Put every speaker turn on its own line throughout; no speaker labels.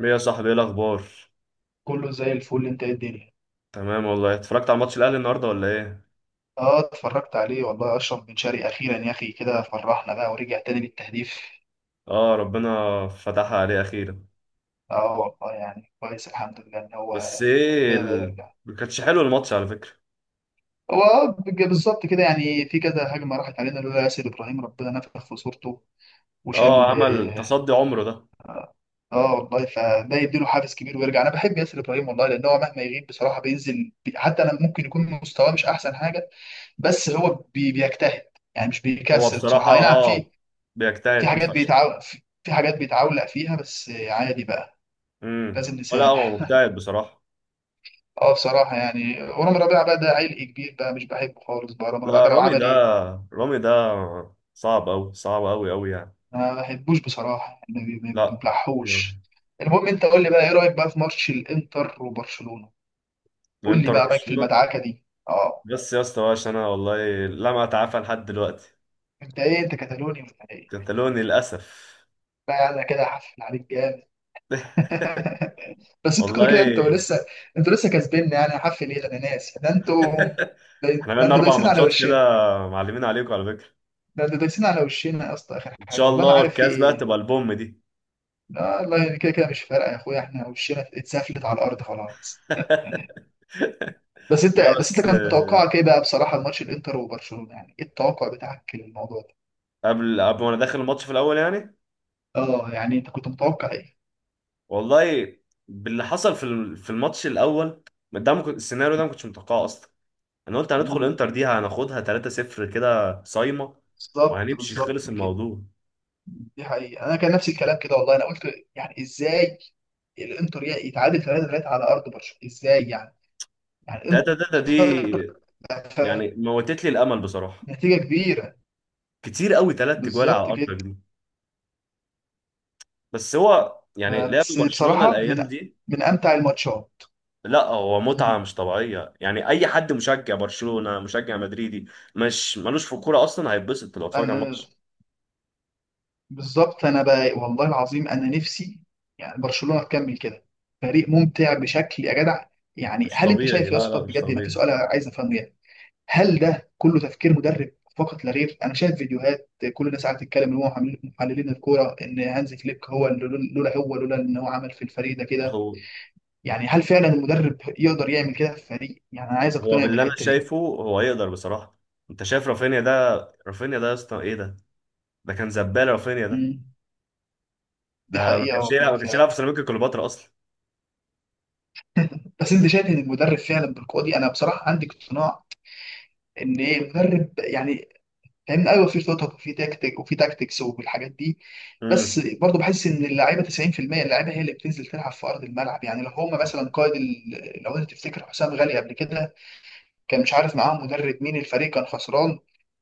ايه يا صاحبي، ايه الاخبار؟
كله زي الفل، انت ايه الدنيا؟
تمام والله. اتفرجت على ماتش الاهلي النهارده ولا ايه؟
اه اتفرجت عليه والله. اشرف بن شرقي اخيرا يا اخي، كده فرحنا بقى ورجع تاني للتهديف.
اه، ربنا فتحها عليه اخيرا.
اه والله يعني كويس، الحمد لله ان هو
بس ايه
كده بقى
ال...
يرجع.
ما كانش حلو الماتش على فكره.
هو بالظبط كده، يعني في كذا هجمه راحت علينا لولا ياسر ابراهيم، ربنا نفخ في صورته
اه،
وشال.
عمل تصدي عمره ده.
والله فده يديله حافز كبير ويرجع. انا بحب ياسر ابراهيم والله، لان هو مهما يغيب بصراحه بينزل. حتى انا ممكن يكون مستواه مش احسن حاجه، بس هو بيجتهد، يعني مش
هو
بيكسل
بصراحه
بصراحه. اي نعم في في
بيجتهد
حاجات
فشخ.
بيتعو... في في حاجات بيتعولق فيها، بس عادي بقى، لازم
ولا هو
نسامح.
مجتهد بصراحه.
اه بصراحة يعني، ورامي ربيعة بقى ده عيل كبير بقى، مش بحبه خالص بقى رامي ربيعة
لا،
ده، لو
رامي
عمل
ده
ايه.
رامي ده صعب قوي، صعب قوي قوي يعني.
أنا ما بحبوش بصراحة، يعني ما
لا،
بيبلعحوش. المهم انت قول لي بقى، ايه رأيك بقى في ماتش الانتر وبرشلونة؟ قول لي
انتر
بقى رأيك في
برشلونه.
المدعكة دي. اه
بس يا اسطى بقى، انا والله لم اتعافى لحد دلوقتي.
انت ايه، انت كتالوني ولا ايه؟
كتالوني للاسف.
بقى انا كده هحفل عليك جامد. بس انتوا كده كده انتوا
والله
لسه، انتوا لسه كسبنا، يعني هحفل ايه؟ ده انا ناس ده انتوا، ده
احنا
ده
بقالنا
انتوا
اربع
دايسين على
ماتشات كده،
وشنا
معلمين عليكم على فكره.
ده ده دايسين على وشنا يا اسطى. اخر
ان
حاجه
شاء
والله ما
الله
عارف في
الكاس بقى
ايه.
تبقى البوم دي.
لا والله، يعني كده كده مش فارقه يا اخويا، احنا وشنا اتسفلت على الارض خلاص. بس انت
لا
بس انت
بس
كان توقعك ايه بقى بصراحه؟ الماتش الانتر وبرشلونه، يعني ايه التوقع بتاعك للموضوع ده؟
قبل ما انا داخل الماتش في الاول يعني.
اه يعني انت كنت متوقع ايه؟
والله، باللي حصل في الماتش الاول ده ما كنت- السيناريو ده ما كنتش متوقعه اصلا. انا قلت هندخل
مم.
انتر دي، هناخدها 3-0 كده صايمه
بالظبط
وهنمشي،
بالظبط
خلص
كده.
الموضوع.
دي حقيقه، انا كان نفس الكلام كده والله. انا قلت يعني ازاي الانتر يتعادل 3-3 على ارض برشلونه، ازاي يعني؟ يعني
3-3
الانتر،
دي يعني موتت لي الامل بصراحه،
نتيجه كبيره،
كتير قوي 3 جوال على
بالظبط
ارضك
كده.
دي. بس هو يعني لعبوا
بس
برشلونه
بصراحة من
الايام دي.
من أمتع الماتشات.
لا، هو
مم.
متعة مش طبيعية. يعني أي حد مشجع برشلونة مشجع مدريدي مش ملوش في الكورة أصلا هيتبسط لو اتفرج على
أنا
الماتش.
بالظبط، أنا بقى والله العظيم أنا نفسي يعني برشلونة تكمل كده، فريق ممتع بشكل يا جدع. يعني
مش
هل أنت
طبيعي،
شايف يا
لا لا،
اسطى
مش
بجد؟ أنا في
طبيعي.
سؤال عايز أفهمه يعني، هل ده كله تفكير مدرب فقط لا غير؟ أنا شايف فيديوهات كل الناس قاعدة تتكلم إن هو محللين الكورة إن هانز فليك هو لولا هو، لولا إن هو عمل في الفريق ده
هو
كده. يعني هل فعلا المدرب يقدر يعمل كده في فريق؟ يعني أنا عايز
هو
أقتنع
باللي أنا
بالحتة دي.
شايفه، هو يقدر بصراحة. أنت شايف رافينيا ده؟ رافينيا ده يا اسطى إيه ده! ده كان زبالة رافينيا ده.
مم. دي
ده ما
حقيقة
كانش يلعب
والله
ما كانش يلعب
فعلا.
في سيراميكا كليوباترا أصلا.
بس انت شايف ان المدرب فعلا بالقوه دي؟ انا بصراحه عندي اقتناع ان ايه المدرب يعني، فاهمني؟ ايوه، في خطط وفي تكتيك وفي تاكتكس والحاجات دي، بس
امم.
برضه بحس ان اللعيبه 90%، اللعيبه هي اللي بتنزل تلعب في ارض الملعب. يعني لو هم مثلا لو انت تفتكر حسام غالي قبل كده، كان مش عارف معاهم مدرب مين، الفريق كان خسران،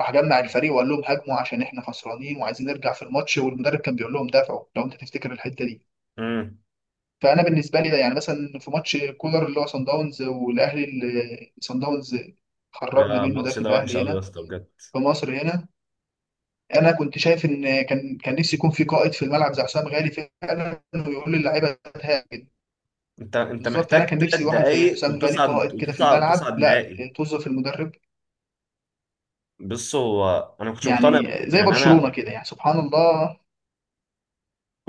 راح جمع الفريق وقال لهم هاجموا عشان احنا خسرانين وعايزين نرجع في الماتش، والمدرب كان بيقول لهم دافعوا. لو انت تفتكر الحته دي،
امم.
فانا بالنسبه لي ده يعني مثلا في ماتش كولر اللي هو صن داونز والاهلي، اللي صن داونز خرجنا
يا
منه ده،
الماتش
في
ده وحش
الاهلي
قوي يا
هنا
اسطى بجد.
في مصر هنا، انا كنت شايف ان كان، كان نفسي يكون في قائد في الملعب زي حسام غالي فعلا، ويقول للعيبه تهاجم.
انت
بالظبط، يعني
محتاج
انا كان
ثلاث
نفسي واحد زي
دقايق
حسام غالي قائد
وتصعد
كده في
وتصعد
الملعب،
وتصعد
لا
نهائي.
توظف المدرب،
بص هو، انا ما كنتش مقتنع
يعني زي
يعني
برشلونه
انا.
كده، يعني سبحان الله.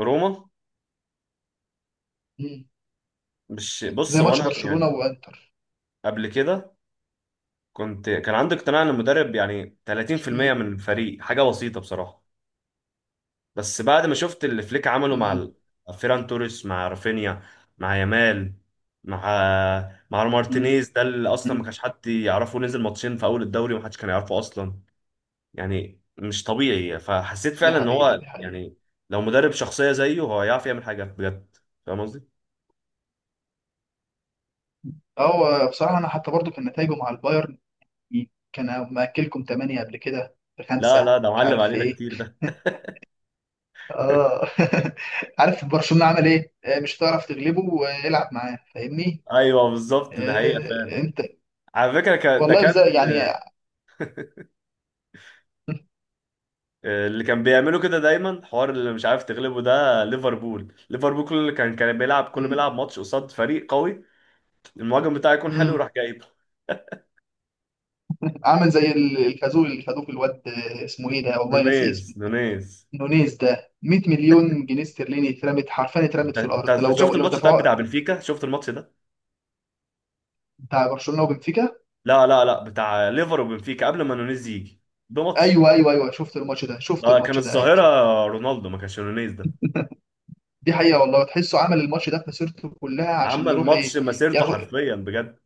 روما،
مم.
مش بص
زي
هو انا
ماتش برشلونه
يعني،
وانتر.
قبل كده كنت كان عندي اقتناع ان المدرب يعني
مم.
30% من الفريق، حاجه بسيطه بصراحه. بس بعد ما شفت اللي فليك عمله مع
مم.
فيران توريس، مع رافينيا، مع يامال، مع
مم.
مارتينيز ده اللي اصلا ما
مم.
كانش حد يعرفه، نزل ماتشين في اول الدوري وما حدش كان يعرفه اصلا. يعني مش طبيعي، فحسيت
دي
فعلا ان
حقيقه،
هو
دي حقيقه.
يعني لو مدرب شخصيه زيه، هو هيعرف يعمل حاجه بجد. فاهم قصدي؟
هو بصراحه انا حتى برضو كان نتائجه مع البايرن، كان مأكلكم تمانية قبل كده
لا
بخمسة،
لا، ده
مش
معلم
عارف في
علينا
ايه.
كتير ده.
اه عارف برشلونة عمل ايه؟ مش هتعرف تغلبه، والعب معاه، فاهمني؟
ايوه بالظبط، ده حقيقه فعلا.
انت
على فكره ده
والله بزي
كان
يعني.
اللي كان بيعملوا كده دايما، حوار اللي مش عارف تغلبه ده ليفربول. كل اللي كان بيلعب، كل ما
مم،
يلعب ماتش قصاد فريق قوي، المهاجم بتاعه يكون حلو
مم،
يروح جايبه.
عامل زي الخازوق اللي خدوه في الواد، اسمه ايه ده، والله ناسي
نونيز،
اسمه.
نونيز.
نونيز ده، 100 مليون جنيه استرليني اترمت حرفيا، اترمت
انت
في الارض.
أنت
لو جو
شفت
لو
الماتش طيب بتاع
دفعوا
بنفيكا؟ شفت الماتش ده؟
بتاع برشلونة وبنفيكا.
لا لا لا، بتاع ليفر وبنفيكا قبل ما نونيز يجي. ده ماتش،
ايوه، شفت الماتش ده، شفت
ده كان
الماتش ده، ايوه.
الظاهره رونالدو، ما كانش نونيز ده.
دي حقيقة والله، تحسه عمل الماتش ده في مسيرته كلها عشان
عمل
يروح
ماتش
ايه
مسيرته
ياخد.
حرفيا بجد.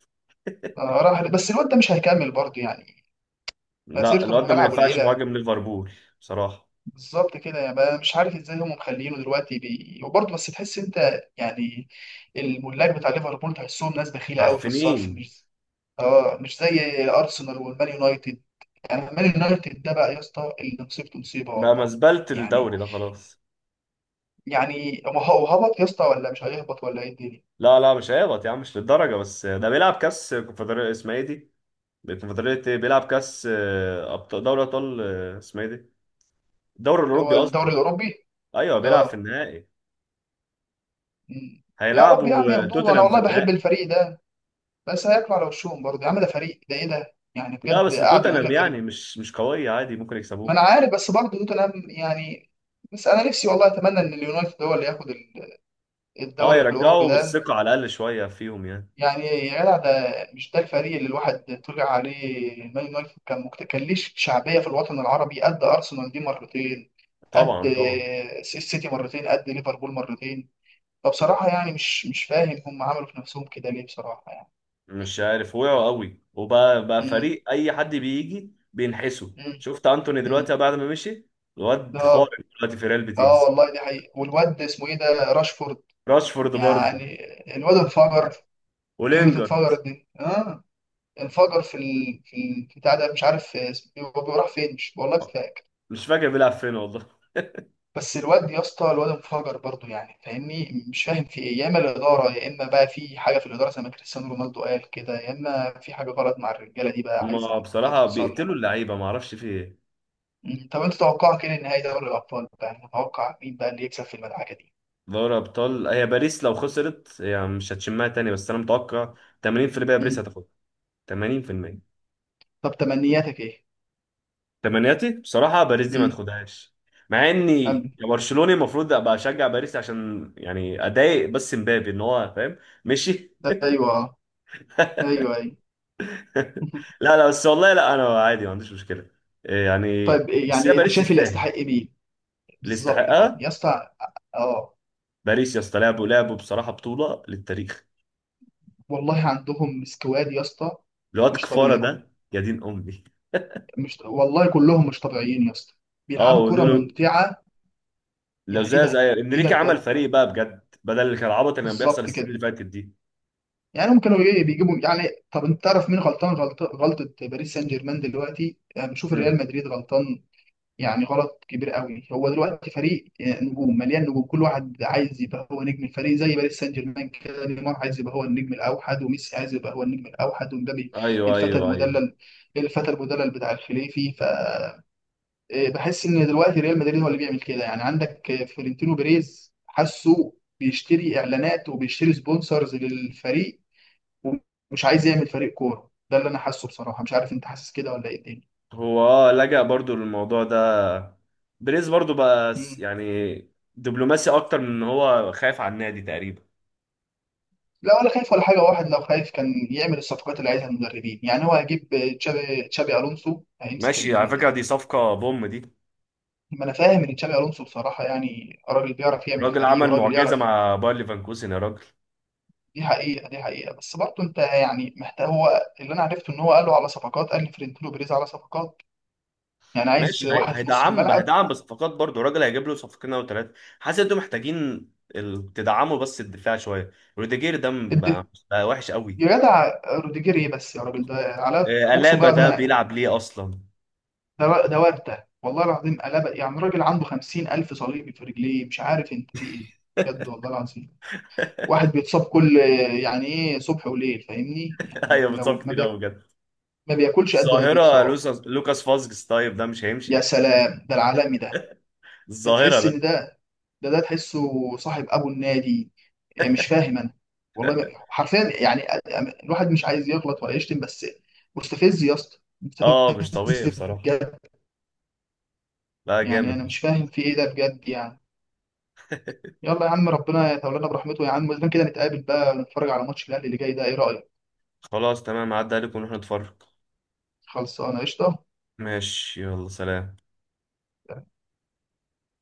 آه، راح، بس الواد ده مش هيكمل برضه، يعني
لا،
مسيرته في
الواد ده ما
الملعب
ينفعش
قليلة.
مهاجم ليفربول بصراحه.
بالظبط كده، يعني بقى مش عارف ازاي هم مخلينه دلوقتي وبرضه، بس تحس انت يعني الملاك بتاع ليفربول تحسهم ناس بخيلة قوي في الصرف،
معفنين.
مش اه مش زي ارسنال والمان يونايتد. يعني المان يونايتد ده بقى يا اسطى، اللي مصيبته مصيبة
بقى
والله،
مزبلة
يعني
الدوري ده خلاص.
يعني هو هبط يا اسطى ولا مش هيهبط ولا ايه الدنيا؟
لا لا، مش هيهبط يا عم، مش للدرجة. بس ده بيلعب كاس كونفدرالية، اسمها ايه دي؟ الكونفدرالية ايه؟ بيلعب كاس أبطال، دوري أبطال. اسمها ايه دي؟ الدوري
اللي
الأوروبي
هو الدوري
قصدي.
الاوروبي،
ايوه، بيلعب في
اه.
النهائي.
مم. يا رب يا عم
هيلعبوا
ياخدوه، انا
توتنهام في
والله بحب
النهائي.
الفريق ده، بس هياكلوا على وشهم برضه يا عم. ده فريق، ده ايه ده يعني
لا
بجد؟
بس
قعدوا يقول
توتنهام
لك كده.
يعني مش قوية، عادي ممكن
ما
يكسبوه.
انا عارف، بس برضه توتنهام يعني، بس انا نفسي والله اتمنى ان اليونايتد هو اللي ياخد
اه،
الدوري الاوروبي
يرجعوا
ده.
الثقة على الأقل شوية فيهم يعني.
يعني يا جدع، ده مش ده الفريق اللي الواحد طلع عليه؟ مان يونايتد كان كان ليه شعبيه في الوطن العربي قد ارسنال دي مرتين،
طبعا
قد
طبعا.
السيتي مرتين، قد ليفربول مرتين. فبصراحه يعني مش مش فاهم هم عملوا في نفسهم كده ليه بصراحه يعني.
مش عارف، وقعوا قوي وبقى فريق اي حد بيجي بينحسه.
مم.
شفت انتوني
مم.
دلوقتي بعد ما مشي؟ الواد
اه
خارق دلوقتي في ريال
اه
بيتيس.
والله دي حقيقة. والواد اسمه ايه ده، راشفورد،
راشفورد برضه.
يعني الواد انفجر، كلمة
ولينجارد.
انفجر دي. اه، انفجر في بتاع ده، مش عارف اسمه إيه، هو راح فين، مش والله مش فاكر.
مش فاكر بيلعب فين والله.
بس الواد يا اسطى، الواد انفجر برضه يعني، فاهمني؟ مش فاهم في ايه، يا اما الاداره يا اما بقى في حاجه في الاداره زي ما كريستيانو رونالدو قال كده، يا اما في حاجه غلط مع الرجاله دي بقى عايزه
هما بصراحة
تتصلح.
بيقتلوا اللعيبة، ما اعرفش في ايه.
مم. طب انت توقعك ايه لنهائي دوري الابطال بقى؟ متوقع مين بقى اللي يكسب في المدعكه دي؟
دوري ابطال هي باريس، لو خسرت هي مش هتشمها تاني. بس انا متوقع 80% باريس
مم.
هتاخدها. 80%.
طب تمنياتك ايه؟
تمنياتي بصراحة باريس دي ما
مم.
تاخدهاش. مع اني
أم-
كبرشلوني المفروض ابقى اشجع باريس، عشان يعني اضايق بس مبابي ان هو فاهم، مشي.
ايوه، ايوه، ايوه.
لا لا بس والله، لا انا عادي ما عنديش مشكلة. إيه يعني؟
طيب إيه
بس هي
يعني، انت
باريس
شايف اللي
تستاهل،
يستحق مين؟
اللي
بالظبط كده يا
يستحقها.
اسطى. اه
باريس يا اسطى، لعبوا بصراحة بطولة للتاريخ.
والله عندهم سكواد يا اسطى،
الواد
مش
كفارة
طبيعي.
ده يا دين امي.
مش والله كلهم مش طبيعيين يا اسطى،
اه،
بيلعبوا كرة
ونونو.
ممتعة.
لو
يعني ايه
زي
ده؟
زي
ايه ده
انريكي عمل
بجد؟
فريق بقى بجد، بدل اللي كان العبط اللي كان
بالظبط
بيحصل
كده،
السنين اللي فاتت دي.
يعني هم كانوا ايه بيجيبوا يعني. طب انت تعرف مين غلطان، غلطة باريس سان جيرمان دلوقتي، يعني بشوف الريال
مم.
مدريد غلطان، يعني غلط كبير قوي. هو دلوقتي فريق، نجوم، مليان نجوم، كل واحد عايز يبقى هو نجم الفريق زي باريس سان جيرمان كده، نيمار عايز يبقى هو النجم الاوحد، وميسي عايز يبقى هو النجم الاوحد، ومبابي
ايوه
الفتى
ايوه ايوه.
المدلل، الفتى المدلل بتاع الخليفي. ف إيه، بحس ان دلوقتي ريال مدريد هو اللي بيعمل كده يعني. عندك فلورنتينو بيريز، حاسه بيشتري اعلانات وبيشتري سبونسرز للفريق ومش عايز يعمل فريق كوره، ده اللي انا حاسه بصراحه. مش عارف انت حاسس كده ولا ايه؟
هو لجأ برضو للموضوع ده. بريز برضو بقى
تاني،
يعني دبلوماسي اكتر من ان هو خايف على النادي تقريبا.
لا ولا خايف ولا حاجه. واحد لو خايف كان يعمل الصفقات اللي عايزها المدربين، يعني هو هيجيب تشابي الونسو، هيمسك
ماشي، على فكرة دي صفقة بوم دي.
ما انا فاهم ان تشابي الونسو بصراحه يعني راجل بيعرف يعمل
الراجل
فريق،
عمل
وراجل
معجزة
يعرف.
مع باير ليفركوزن يا راجل.
دي حقيقه دي حقيقه، بس برضه انت يعني محتاج. هو اللي انا عرفته ان هو قال له على صفقات، قال لفلورنتينو بيريز على صفقات، يعني عايز
ماشي،
واحد في نص
هيدعم
الملعب.
هيدعم بصفقات برضو. الراجل هيجيب له صفقتين او ثلاثة. حاسس انتوا محتاجين تدعموا بس الدفاع شوية. روديجير ده
الد-
بقى وحش قوي.
يا جدع، روديجير ايه بس يا راجل؟ ده على اقسم
ألابا
بالله العظيم
ده
انا،
بيلعب ليه اصلا.
ده ده ورده والله العظيم قلبه. يعني راجل عنده 50,000 صليبي في رجليه، مش عارف انت في ايه، بجد والله العظيم. واحد بيتصاب كل، يعني ايه، صبح وليل، فاهمني؟ يعني
ايوه، بتصاب
لو ما
كتير قوي
بياكل،
بجد.
ما بياكلش قد ما
الظاهرة
بيتصاب.
لوكاس فازجس، طيب ده مش
يا
هيمشي.
سلام، ده العالمي ده، ده
الظاهرة
تحس ان
ده.
ده ده، ده تحسه صاحب ابو النادي. إيه، مش فاهم انا والله. ما- حرفيا يعني الواحد مش عايز يغلط ولا يشتم، بس مستفز يا اسطى، مستفز
اه، مش طبيعي بصراحة.
بجد.
لا،
يعني انا
جامد.
مش فاهم في ايه ده بجد يعني. يلا يا عم، ربنا يتولانا برحمته يا عم. اذا كان كده، نتقابل بقى ونتفرج على ماتش الاهلي اللي جاي ده، ايه رايك؟
خلاص تمام، عدى عليكم ونروح نتفرج.
خلصانه قشطه.
ماشي، يلا سلام.